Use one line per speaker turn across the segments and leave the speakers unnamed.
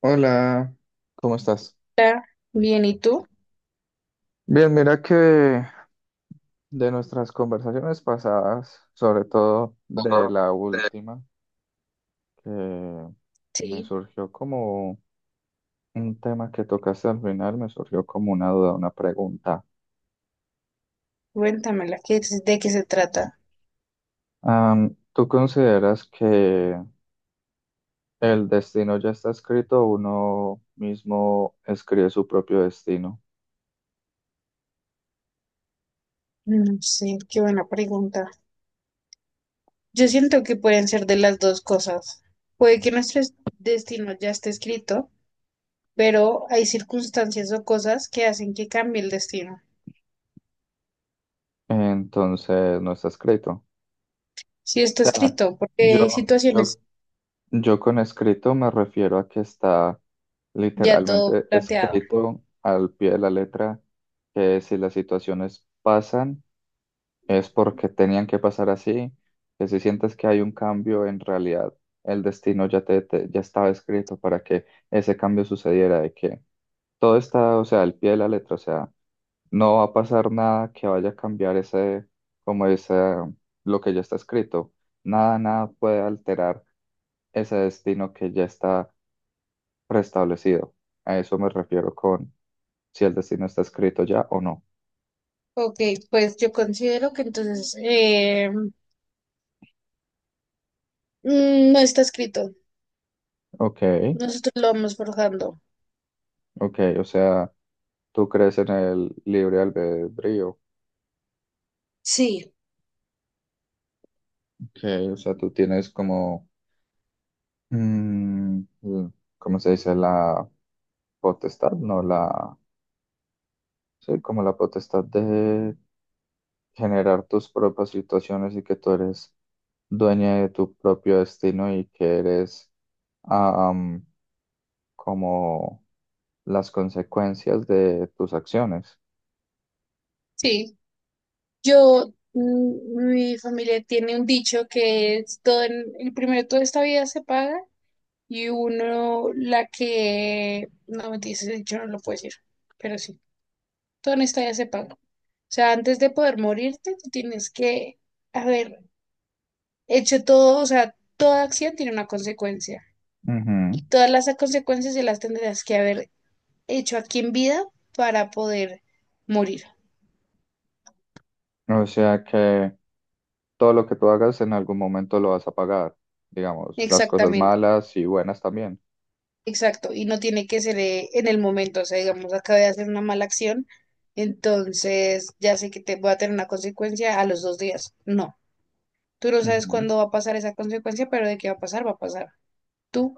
Hola. ¿Cómo estás?
Hola, bien, ¿y tú?
Bien, mira que de nuestras conversaciones pasadas, sobre todo de
Ajá.
la
Eh,
última, que me
Sí.
surgió como un tema que tocaste al final, me surgió como una duda, una pregunta.
Cuéntamela, ¿de qué se trata?
¿Tú consideras que el destino ya está escrito o uno mismo escribe su propio destino?
No sé, qué buena pregunta. Yo siento que pueden ser de las dos cosas. Puede que destino ya esté escrito, pero hay circunstancias o cosas que hacen que cambie el destino.
Entonces, no está escrito.
Si está
O sea,
escrito, porque hay
yo, yo
situaciones
Yo con escrito me refiero a que está
ya todo
literalmente
planteado.
escrito al pie de la letra, que si las situaciones pasan es porque tenían que pasar así, que si sientes que hay un cambio, en realidad el destino ya, ya estaba escrito para que ese cambio sucediera, todo está, o sea, al pie de la letra, o sea, no va a pasar nada que vaya a cambiar ese, como ese, lo que ya está escrito. Nada, nada puede alterar ese destino que ya está preestablecido. A eso me refiero con si el destino está escrito ya o no.
Ok, pues yo considero que entonces no está escrito.
Ok,
Nosotros lo vamos forjando.
ok, o sea, tú crees en el libre albedrío.
Sí.
Ok, o sea, tú tienes como, mm, ¿cómo se dice? La potestad, no la... Sí, como la potestad de generar tus propias situaciones y que tú eres dueña de tu propio destino y que eres am, como las consecuencias de tus acciones.
Sí, yo, mi familia tiene un dicho que es todo en, el primero toda esta vida se paga y uno la que, no me ese dicho no lo puedo decir, pero sí, todo en esta vida se paga. O sea, antes de poder morirte, tú tienes que haber hecho todo, o sea, toda acción tiene una consecuencia
Ujú.
y todas las consecuencias se las tendrás que haber hecho aquí en vida para poder morir.
O sea que todo lo que tú hagas en algún momento lo vas a pagar, digamos, las cosas
Exactamente.
malas y buenas también.
Exacto, y no tiene que ser en el momento, o sea, digamos, acabé de hacer una mala acción, entonces ya sé que te voy a tener una consecuencia a los dos días. No, tú no sabes
Ujú.
cuándo va a pasar esa consecuencia, pero de qué va a pasar, va a pasar. ¿Tú?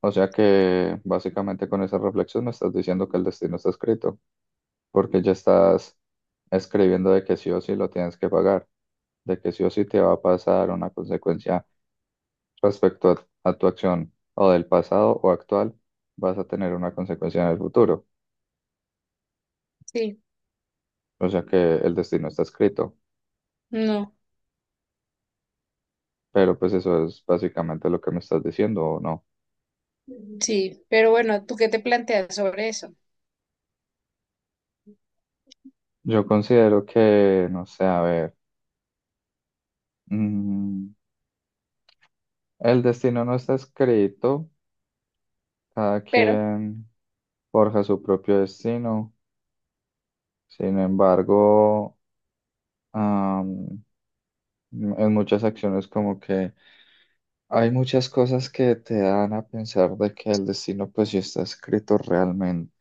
O sea que básicamente con esa reflexión me estás diciendo que el destino está escrito, porque ya estás escribiendo de que sí o sí lo tienes que pagar, de que sí o sí te va a pasar una consecuencia respecto a tu acción o del pasado o actual, vas a tener una consecuencia en el futuro.
Sí,
O sea que el destino está escrito,
no,
pero pues eso es básicamente lo que me estás diciendo o no.
sí, pero bueno, ¿tú qué te planteas sobre eso?
Yo considero que, no sé, a ver, mm, el destino no está escrito, cada
Pero,
quien forja su propio destino, sin embargo... En muchas acciones como que hay muchas cosas que te dan a pensar de que el destino pues sí está escrito realmente.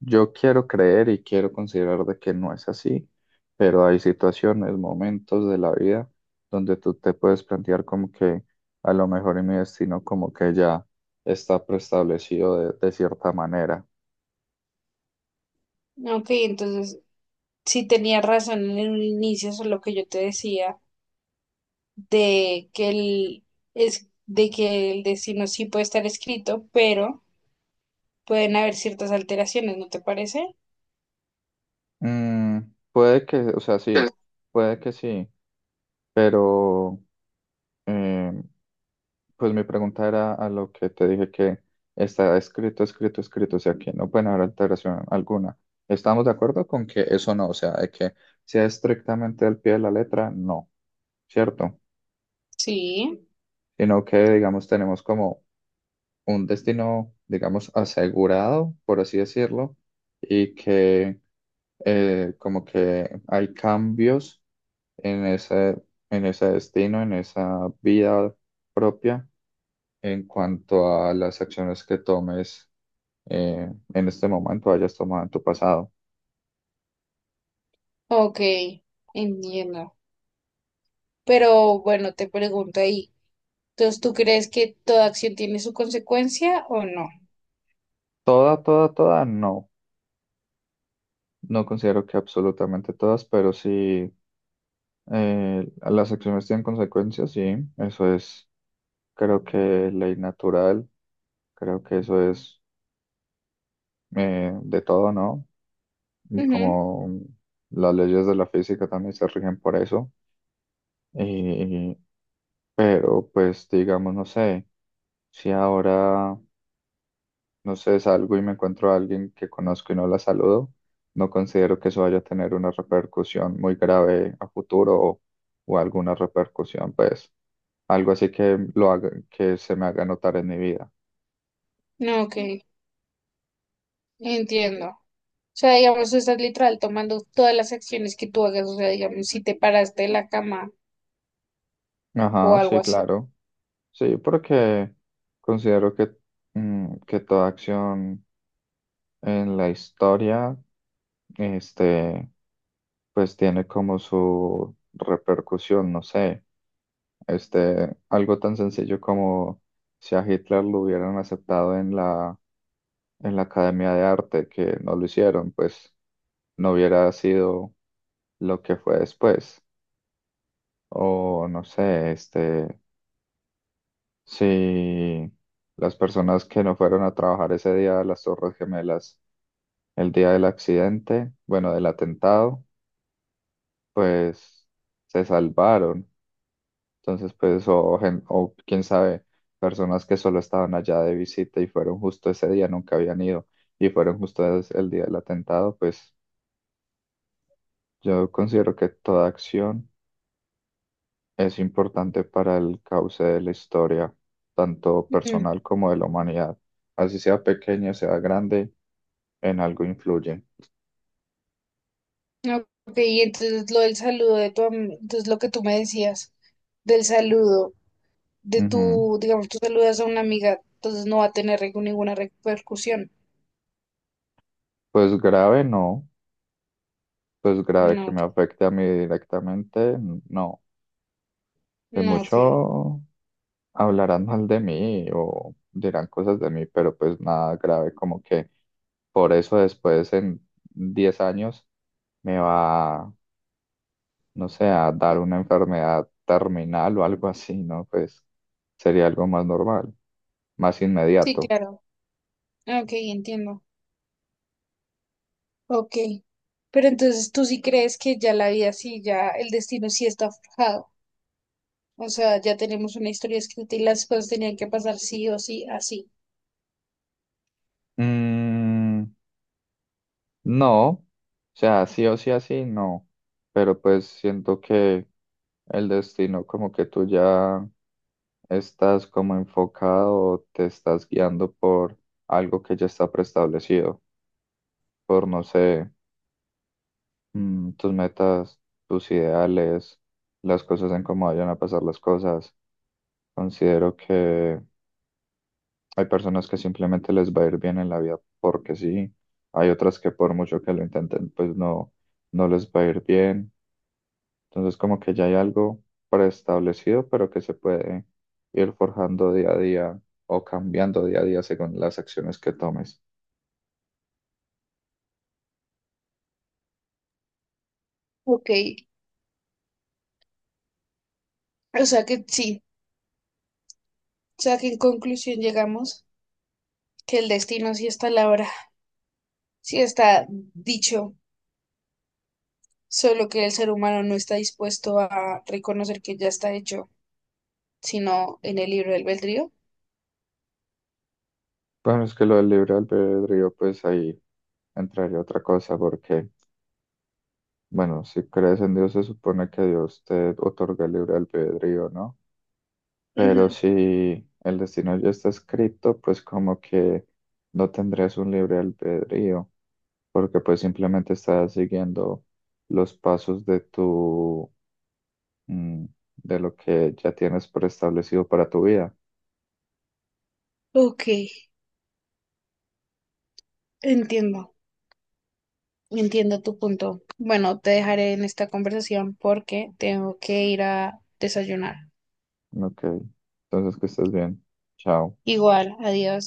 Yo quiero creer y quiero considerar de que no es así, pero hay situaciones, momentos de la vida donde tú te puedes plantear como que a lo mejor en mi destino como que ya está preestablecido de cierta manera.
ok, entonces, sí tenía razón en un inicio sobre lo que yo te decía, de que de que el destino sí puede estar escrito, pero pueden haber ciertas alteraciones, ¿no te parece?
Mm, Puede que, o sea,
Sí.
sí, puede que sí, pero... em, pues mi pregunta era a lo que te dije que está escrito, escrito, escrito, o sea, que no pueden haber alteración alguna. ¿Estamos de acuerdo con que eso no, o sea, de que sea estrictamente al pie de la letra, no, cierto?
Sí,
Sino que, digamos, tenemos como un destino, digamos, asegurado, por así decirlo, y que como que hay cambios en ese, en ese destino, en esa vida propia en cuanto a las acciones que tomes en este momento hayas tomado en tu pasado.
ok, entiendo. Pero bueno, te pregunto ahí, entonces, ¿tú crees que toda acción tiene su consecuencia o no?
Toda, toda, toda, no. No considero que absolutamente todas, pero sí las acciones tienen consecuencias, sí. Eso es, creo que ley natural, creo que eso es de todo, ¿no? Y
Ujú.
como las leyes de la física también se rigen por eso. Y, pero pues digamos, no sé, si ahora no sé, salgo y me encuentro a alguien que conozco y no la saludo. No considero que eso vaya a tener una repercusión muy grave a futuro o alguna repercusión, pues algo así que lo haga, que se me haga notar en mi vida.
No, ok, entiendo. O sea, digamos, tú estás literal tomando todas las acciones que tú hagas, o sea, digamos, si te paraste de la cama o
Ajá,
algo
sí,
así.
claro. Sí, porque considero que, que toda acción en la historia, este, pues tiene como su repercusión, no sé. Este, algo tan sencillo como si a Hitler lo hubieran aceptado en la Academia de Arte, que no lo hicieron, pues no hubiera sido lo que fue después. O no sé, este, si las personas que no fueron a trabajar ese día a las Torres Gemelas, el día del accidente, bueno, del atentado, pues se salvaron. Entonces, pues, o, o quién sabe, personas que solo estaban allá de visita y fueron justo ese día, nunca habían ido, y fueron justo el día del atentado, pues yo considero que toda acción es importante para el cauce de la historia, tanto
Ujú.
personal como de la humanidad. Así sea pequeña, sea grande, en algo influye.
Ok, y entonces lo del saludo de tu am- entonces lo que tú me decías del saludo. De
Ujú.
tu, digamos, tú saludas a una amiga, entonces no va a tener ninguna repercusión.
Pues grave no, pues grave que
No,
me afecte a mí directamente, no. De
no, ok.
mucho. Hablarán mal de mí o dirán cosas de mí, pero pues nada grave, como que por eso después en 10 años me va, no sé, a dar una enfermedad terminal o algo así, ¿no? Pues sería algo más normal, más
Sí,
inmediato.
claro. Ok, entiendo. Ok. Pero entonces tú sí crees que ya la vida sí, ya el destino sí está forjado. O sea, ya tenemos una historia escrita y las cosas tenían que pasar sí o sí, así.
Mm, no, o sea, sí o sí así, no, pero pues siento que el destino como que tú ya. ¿Estás como enfocado o te estás guiando por algo que ya está preestablecido? Por, no sé, tus metas, tus ideales, las cosas en cómo vayan a pasar las cosas. Considero que hay personas que simplemente les va a ir bien en la vida porque sí. Hay otras que por mucho que lo intenten, pues no, no les va a ir bien. Entonces como que ya hay algo preestablecido, pero que se puede ir forjando día a día o cambiando día a día según las acciones que tomes.
Ok. O sea que sí. O sea que en conclusión llegamos que el destino sí está a la hora, sí está dicho, solo que el ser humano no está dispuesto a reconocer que ya está hecho. Sino en el libre albedrío.
Bueno, es que lo del libre albedrío, pues ahí entraría otra cosa, porque, bueno, si crees en Dios se supone que Dios te otorga el libre albedrío, ¿no? Pero
Ujú.
si el destino ya está escrito, pues como que no tendrías un libre albedrío, porque pues simplemente estás siguiendo los pasos de tu mm, de lo que ya tienes preestablecido para tu vida.
Ok, entiendo, entiendo tu punto. Bueno, te dejaré en esta conversación porque tengo que ir a desayunar.
Ok, entonces que estés bien. Chao.
Igual, adiós.